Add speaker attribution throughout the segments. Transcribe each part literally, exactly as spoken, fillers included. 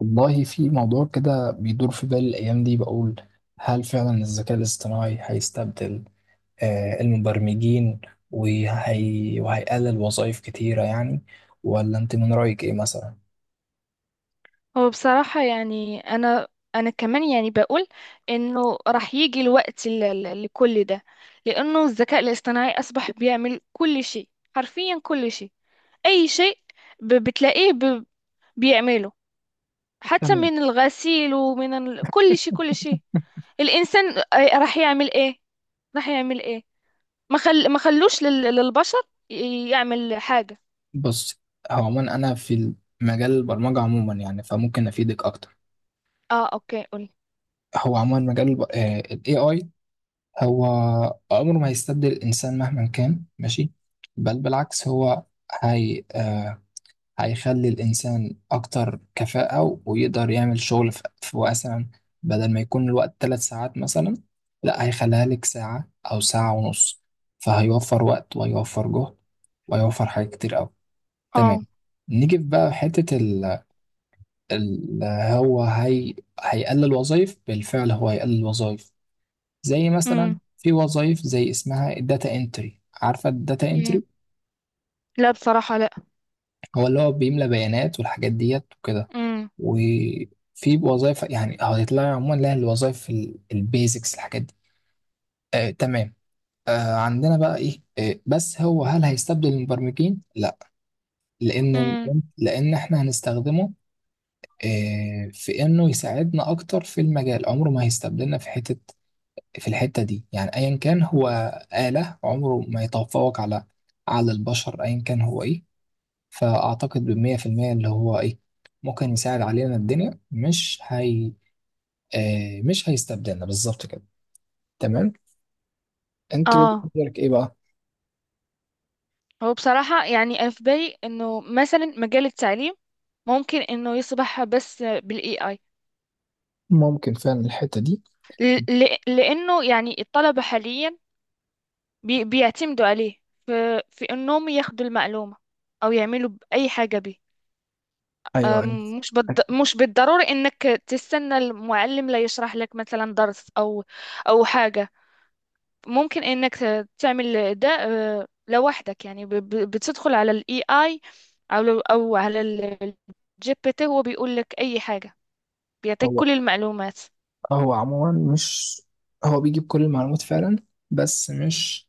Speaker 1: والله في موضوع كده بيدور في بالي الأيام دي، بقول هل فعلا الذكاء الاصطناعي هيستبدل آه، المبرمجين وهي... وهيقلل وظائف كتيرة يعني، ولا أنت من رأيك إيه مثلا؟
Speaker 2: هو بصراحة يعني أنا أنا كمان يعني بقول إنه راح يجي الوقت ل- ل- لكل ده. لأنه الذكاء الاصطناعي أصبح بيعمل كل شيء، حرفيا كل شيء، أي شيء. ب- بتلاقيه ب- بيعمله، حتى
Speaker 1: تمام.
Speaker 2: من الغسيل ومن ال... كل شيء كل شيء. الإنسان آه، راح يعمل إيه؟ راح يعمل إيه؟ ما خل... ما خلوش لل... للبشر ي- يعمل حاجة.
Speaker 1: بص، هو عموما أنا في مجال البرمجة عموما، يعني فممكن أفيدك أكتر.
Speaker 2: آه أوكي قولي.
Speaker 1: هو عموما مجال الب- آه، ال إيه آي هو عمره ما هيستبدل الإنسان مهما كان، ماشي. بل بالعكس، هو هي آه، هيخلي الإنسان أكتر كفاءة ويقدر يعمل شغل في في مثلا، بدل ما يكون الوقت ثلاث ساعات مثلا، لا هيخليها لك ساعة أو ساعة ونص. فهيوفر وقت وهيوفر جهد وهيوفر حاجات كتير أوي. تمام.
Speaker 2: آه.
Speaker 1: نيجي في بقى حتة ال ال هو هي هيقلل وظائف بالفعل، هو هيقلل وظائف. زي مثلا
Speaker 2: أمم
Speaker 1: في وظائف زي اسمها الداتا انتري، عارفة الداتا
Speaker 2: أمم
Speaker 1: انتري،
Speaker 2: لا بصراحة لا.
Speaker 1: هو اللي هو بيملى بيانات والحاجات ديت وكده.
Speaker 2: أمم
Speaker 1: وفي وظائف يعني هتطلع عموما لها الوظائف، البيزكس، الحاجات دي. آه تمام. آه، عندنا بقى ايه، آه بس هو هل هيستبدل المبرمجين؟ لا، لان ال-
Speaker 2: أمم
Speaker 1: لان احنا هنستخدمه آه في انه يساعدنا اكتر في المجال، عمره ما هيستبدلنا في حتة. في الحتة دي يعني ايا كان هو آلة، عمره ما يتفوق على على البشر ايا كان هو ايه. فاعتقد بالمية في المية اللي هو ايه، ممكن يساعد علينا، الدنيا مش هي آه مش هيستبدلنا بالظبط كده. تمام. انت وجهة
Speaker 2: آه.
Speaker 1: نظرك ايه بقى؟
Speaker 2: هو بصراحة يعني أنا في بالي إنه مثلا مجال التعليم ممكن إنه يصبح بس بال A I.
Speaker 1: ممكن فعلا الحتة دي.
Speaker 2: ل- ل- لأنه يعني الطلبة حاليا بي- بيعتمدوا عليه في، في إنهم ياخدوا المعلومة أو يعملوا أي حاجة به.
Speaker 1: ايوه، أيوة.
Speaker 2: أم، مش بالض... مش بالضروري إنك تستنى المعلم لا يشرح لك مثلا درس أو أو حاجة. ممكن انك ت- تعمل ده آه، لوحدك، يعني ب- ب- بتدخل على الاي اي، او لو- او على الجي بي تي، هو بيقول لك اي حاجة، بيعطيك
Speaker 1: هو
Speaker 2: كل المعلومات.
Speaker 1: هو عموما مش، هو بيجيب كل المعلومات فعلا، بس مش،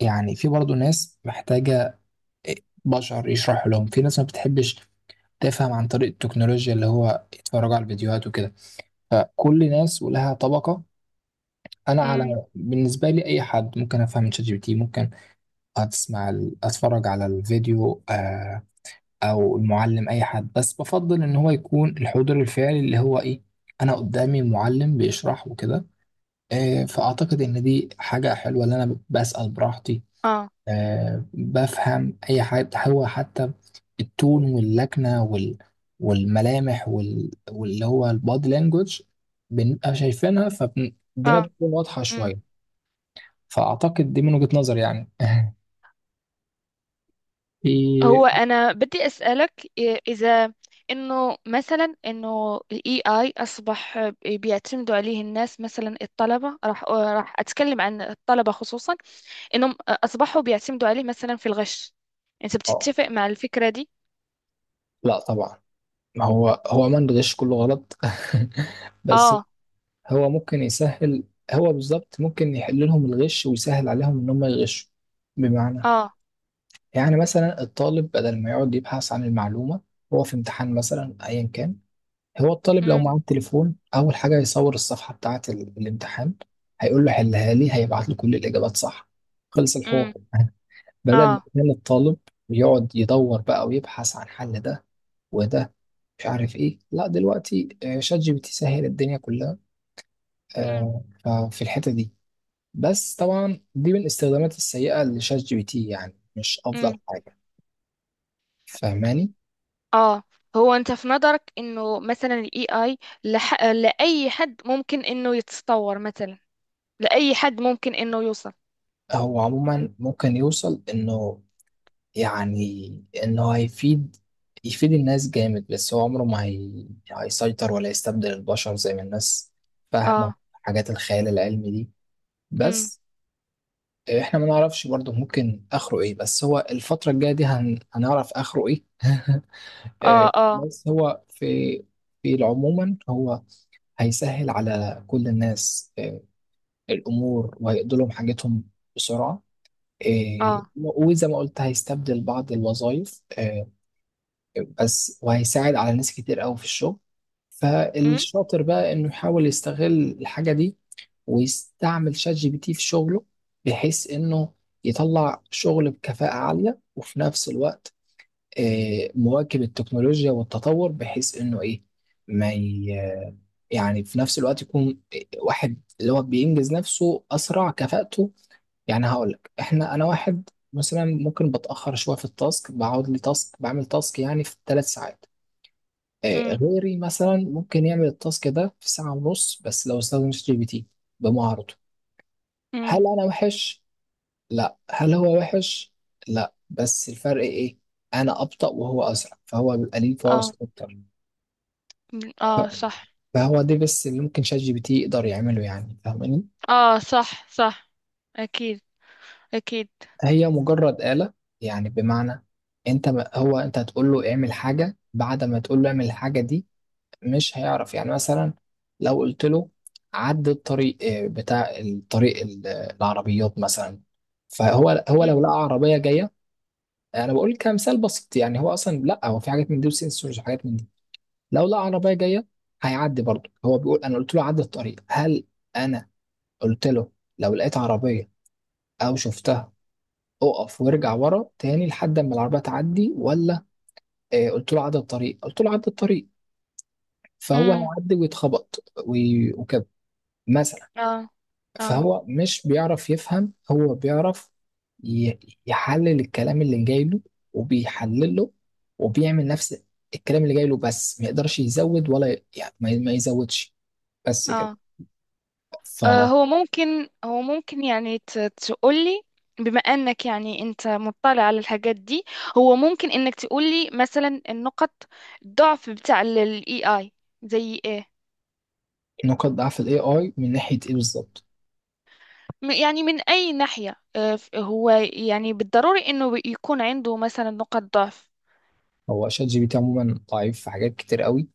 Speaker 1: يعني في برضه ناس محتاجة آه، بشر يشرحوا لهم. في ناس ما بتحبش تفهم عن طريق التكنولوجيا، اللي هو يتفرجوا على الفيديوهات وكده. فكل ناس ولها طبقة. انا،
Speaker 2: امم
Speaker 1: على بالنسبة لي، اي حد ممكن افهم من شات جي بي تي، ممكن اسمع ال- اتفرج على الفيديو آه، او المعلم اي حد. بس بفضل ان هو يكون الحضور الفعلي اللي هو ايه، انا قدامي معلم بيشرح وكده. آه، فاعتقد ان دي حاجة حلوة ان انا بسأل براحتي،
Speaker 2: اه
Speaker 1: آه، بفهم اي حاجة. هو حتى التون واللكنة وال والملامح وال... واللي هو البادي لانجوج، بنبقى شايفينها فالدنيا
Speaker 2: اه.
Speaker 1: بتكون واضحة
Speaker 2: امم
Speaker 1: شوية. فاعتقد دي من وجهة نظري يعني. في
Speaker 2: هو انا بدي اسالك إيه، اذا انه مثلا انه الاي اي اصبح بيعتمدوا عليه الناس، مثلا الطلبه راح آه، راح اتكلم عن الطلبه خصوصا، انهم اصبحوا بيعتمدوا عليه مثلا في الغش. انت
Speaker 1: آه،
Speaker 2: بتتفق مع الفكره دي؟
Speaker 1: لا طبعا. ما هو هو عموما الغش كله غلط. بس
Speaker 2: اه
Speaker 1: هو ممكن يسهل، هو بالظبط ممكن يحل لهم الغش ويسهل عليهم ان هم يغشوا. بمعنى،
Speaker 2: اه.
Speaker 1: يعني مثلا الطالب بدل ما يقعد يبحث عن المعلومة، هو في امتحان مثلا ايا كان، هو الطالب لو
Speaker 2: امم
Speaker 1: معاه التليفون اول حاجة يصور الصفحة بتاعة ال- الامتحان، هيقول له حلها لي، هيبعت له كل الاجابات صح، خلص
Speaker 2: امم
Speaker 1: الحوار. بدل ما
Speaker 2: اه.
Speaker 1: كان الطالب يقعد يدور بقى ويبحث عن حل. ده وده مش عارف ايه، لا دلوقتي آه، شات جي بي تي سهل الدنيا كلها.
Speaker 2: امم
Speaker 1: آه، ففي الحتة دي، بس طبعا دي من الاستخدامات السيئة لشات جي بي تي، يعني مش افضل
Speaker 2: امم
Speaker 1: حاجة، فاهماني.
Speaker 2: اه. هو انت في نظرك انه مثلا الاي اي لح... لاي حد ممكن انه يتطور مثلا، لاي حد ممكن انه يوصل؟
Speaker 1: هو عموما ممكن يوصل انه، يعني انه هيفيد، يفيد الناس جامد، بس هو عمره ما هي... هيسيطر ولا يستبدل البشر زي ما الناس فاهمة،
Speaker 2: اه.
Speaker 1: حاجات الخيال العلمي دي.
Speaker 2: امم
Speaker 1: بس احنا ما نعرفش برضه ممكن اخره ايه، بس هو الفترة الجاية دي هن... هنعرف اخره ايه.
Speaker 2: اه
Speaker 1: آه،
Speaker 2: اه
Speaker 1: بس هو في، في عموما هو هيسهل على كل الناس آه، الامور وهيقضي لهم حاجتهم بسرعة. آه،
Speaker 2: اه.
Speaker 1: وزي ما قلت هيستبدل بعض الوظائف، آه، بس وهيساعد على ناس كتير قوي في الشغل.
Speaker 2: امم
Speaker 1: فالشاطر بقى انه يحاول يستغل الحاجة دي ويستعمل شات جي بي تي في شغله، بحيث انه يطلع شغل بكفاءة عالية وفي نفس الوقت آه، مواكب التكنولوجيا والتطور، بحيث انه ايه، ما ي- يعني في نفس الوقت يكون واحد اللي هو بينجز نفسه اسرع، كفاءته. يعني هقول لك، احنا انا واحد مثلا ممكن بتاخر شويه في التاسك، بقعد لي تاسك بعمل تاسك يعني في ثلاث ساعات، آه،
Speaker 2: امم
Speaker 1: غيري مثلا ممكن يعمل التاسك ده في ساعه ونص بس لو استخدم شات جي بي تي بمهارته.
Speaker 2: امم
Speaker 1: هل انا وحش؟ لا. هل هو وحش؟ لا. بس الفرق ايه؟ انا ابطأ وهو اسرع، فهو بيبقى ليه فرص
Speaker 2: اه.
Speaker 1: اكتر.
Speaker 2: مم.
Speaker 1: ف-
Speaker 2: اه صح.
Speaker 1: فهو ده بس اللي ممكن شات جي بي تي يقدر يعمله، يعني فاهماني.
Speaker 2: اه صح صح، اكيد اكيد.
Speaker 1: هي مجرد آلة، يعني بمعنى، انت، ما هو انت هتقول له اعمل حاجة، بعد ما تقول له اعمل الحاجة دي مش هيعرف. يعني مثلا لو قلت له عد الطريق، آه، بتاع الطريق ال- العربيات مثلا، فهو هو لو لقى
Speaker 2: امم
Speaker 1: عربية جاية، آه، انا بقول كمثال بسيط يعني، هو اصلا لا، هو في حاجات من دي وسنسورز وحاجات من دي. لو لقى عربيه جايه هيعدي برضه. هو بيقول انا قلت له عدى الطريق، هل انا قلت له لو لقيت عربيه او شفتها اقف وارجع ورا تاني لحد ما العربيه تعدي؟ ولا آه قلت له عدى الطريق، قلت له عدى الطريق، فهو
Speaker 2: امم
Speaker 1: هيعدي ويتخبط وي- وكده مثلا.
Speaker 2: اه اه
Speaker 1: فهو مش بيعرف يفهم، هو بيعرف ي- يحلل الكلام اللي جاي له وبيحلله وبيعمل نفس الكلام اللي جاي له، بس ما يقدرش يزود ولا ي- يعني ما ما يزودش، بس كده.
Speaker 2: اه. آه،
Speaker 1: فنقط
Speaker 2: هو ممكن، هو ممكن يعني ت- تقولي، بما انك يعني انت مطلع على الحاجات دي، هو ممكن انك تقولي مثلا النقط الضعف بتاع الاي اي زي ايه؟
Speaker 1: ضعف الاي اي من ناحيه ايه بالظبط؟
Speaker 2: م- يعني من اي ناحية، آه، ف- هو يعني بالضروري انه بي- يكون عنده مثلا نقط ضعف.
Speaker 1: هو شات جي بي تي عموما ضعيف في حاجات كتير قوي،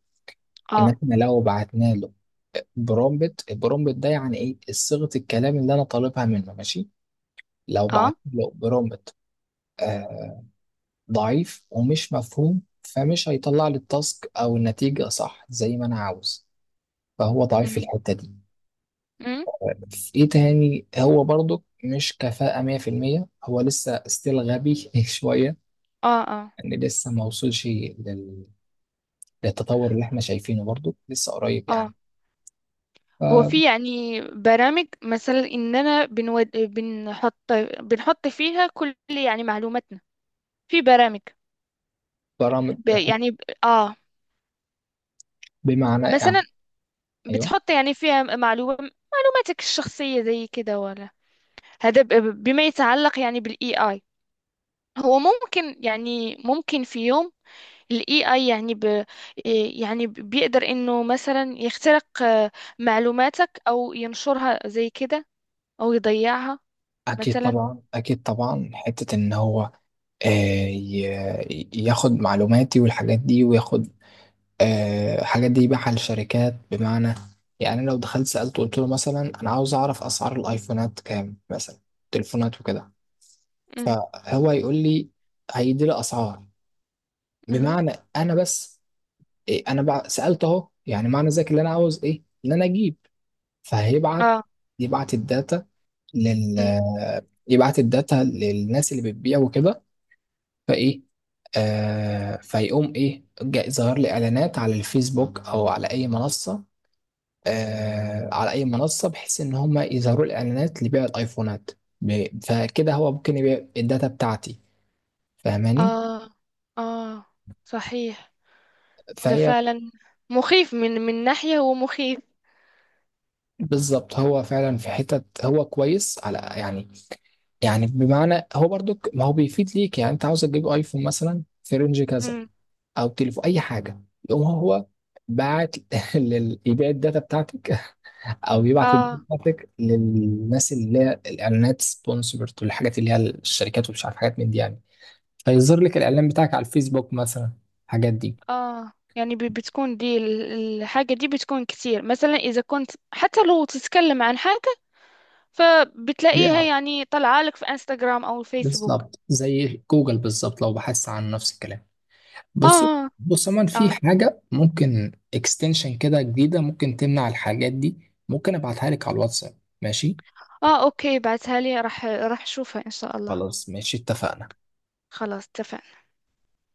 Speaker 1: ان
Speaker 2: اه
Speaker 1: احنا لو بعتنا له برومبت، البرومبت ده يعني ايه، صيغه الكلام اللي انا طالبها منه، ماشي. لو
Speaker 2: اه.
Speaker 1: بعت له برومبت ضعيف ومش مفهوم، فمش هيطلع لي التاسك او النتيجة صح زي ما انا عاوز، فهو ضعيف في
Speaker 2: امم
Speaker 1: الحتة دي.
Speaker 2: امم
Speaker 1: في ايه تاني، هو برضو مش كفاءة مية بالمية، هو لسه ستيل غبي شوية،
Speaker 2: اه اه
Speaker 1: ان لسه ما وصلش لل... للتطور اللي احنا شايفينه، برضو لسه قريب يعني.
Speaker 2: اه. هو في يعني برامج مثلا اننا بنود... بنحط، بنحط فيها كل يعني معلوماتنا، في برامج
Speaker 1: فبرامج
Speaker 2: ب-
Speaker 1: بحب-
Speaker 2: يعني ب- اه،
Speaker 1: بمعنى يعني،
Speaker 2: مثلا
Speaker 1: ايوه
Speaker 2: بتحط يعني فيها معلومة، معلوماتك الشخصية زي كده ولا؟ هذا ب- بما يتعلق يعني بالاي اي، هو ممكن يعني ممكن في يوم الاي اي يعني ب إيه، يعني ب- بيقدر انه مثلا يخترق آه، معلوماتك او ينشرها زي كده، او يضيعها
Speaker 1: اكيد
Speaker 2: مثلا.
Speaker 1: طبعا، اكيد طبعا. حتة ان هو آه، ي- ياخد معلوماتي والحاجات دي وياخد آه، الحاجات دي يبيعها للشركات. بمعنى، يعني لو دخلت سألت قلت له مثلا أنا عاوز أعرف أسعار الأيفونات كام مثلا، تليفونات وكده،
Speaker 2: امم
Speaker 1: فهو يقول لي، هيدي لي أسعار.
Speaker 2: امم
Speaker 1: بمعنى أنا بس إيه، أنا بع- سألت أهو، يعني معنى ذلك اللي أنا عاوز إيه اللي أنا أجيب. فهيبعت،
Speaker 2: اه.
Speaker 1: يبعت الداتا لل،
Speaker 2: امم
Speaker 1: يبعت الداتا للناس اللي بتبيع وكده. فإيه آه فيقوم إيه، جا- ظهر لي إعلانات على الفيسبوك أو على أي منصة، آه، على اي منصه، بحيث ان هم يظهروا الاعلانات لبيع الايفونات. ب- فكده هو ممكن يبيع الداتا بتاعتي، فاهماني.
Speaker 2: اه اه صحيح. ده
Speaker 1: فهي
Speaker 2: فعلا مخيف، من من ناحية هو مخيف.
Speaker 1: بالظبط، هو فعلا في حتة هو كويس على يعني، يعني بمعنى، هو برضو ك- ما هو بيفيد ليك، يعني انت عاوز تجيب ايفون مثلا في رينج كذا
Speaker 2: امم
Speaker 1: او تليفون اي حاجه، يقوم هو باعت لل... يبيع الداتا بتاعتك، او يبعت الداتا
Speaker 2: اه
Speaker 1: بتاعتك للناس اللي هي الاعلانات سبونسرد والحاجات اللي هي الشركات ومش عارف حاجات من دي يعني، هيظهر لك الاعلان بتاعك على الفيسبوك مثلا، الحاجات دي.
Speaker 2: اه. يعني بي- بتكون دي ال- الحاجة دي بتكون كتير، مثلا إذا كنت حتى لو تتكلم عن حاجة فبتلاقيها
Speaker 1: بيعرف
Speaker 2: يعني طالعة لك في انستغرام أو فيسبوك.
Speaker 1: بالظبط زي جوجل بالظبط لو بحثت عن نفس الكلام. بص،
Speaker 2: اه
Speaker 1: بص من
Speaker 2: اه.
Speaker 1: في حاجة ممكن اكستنشن كده جديدة ممكن تمنع الحاجات دي، ممكن ابعتها لك على الواتساب، ماشي؟
Speaker 2: اه اوكي، بعتها لي، راح راح اشوفها ان شاء الله.
Speaker 1: خلاص ماشي اتفقنا.
Speaker 2: خلاص اتفقنا.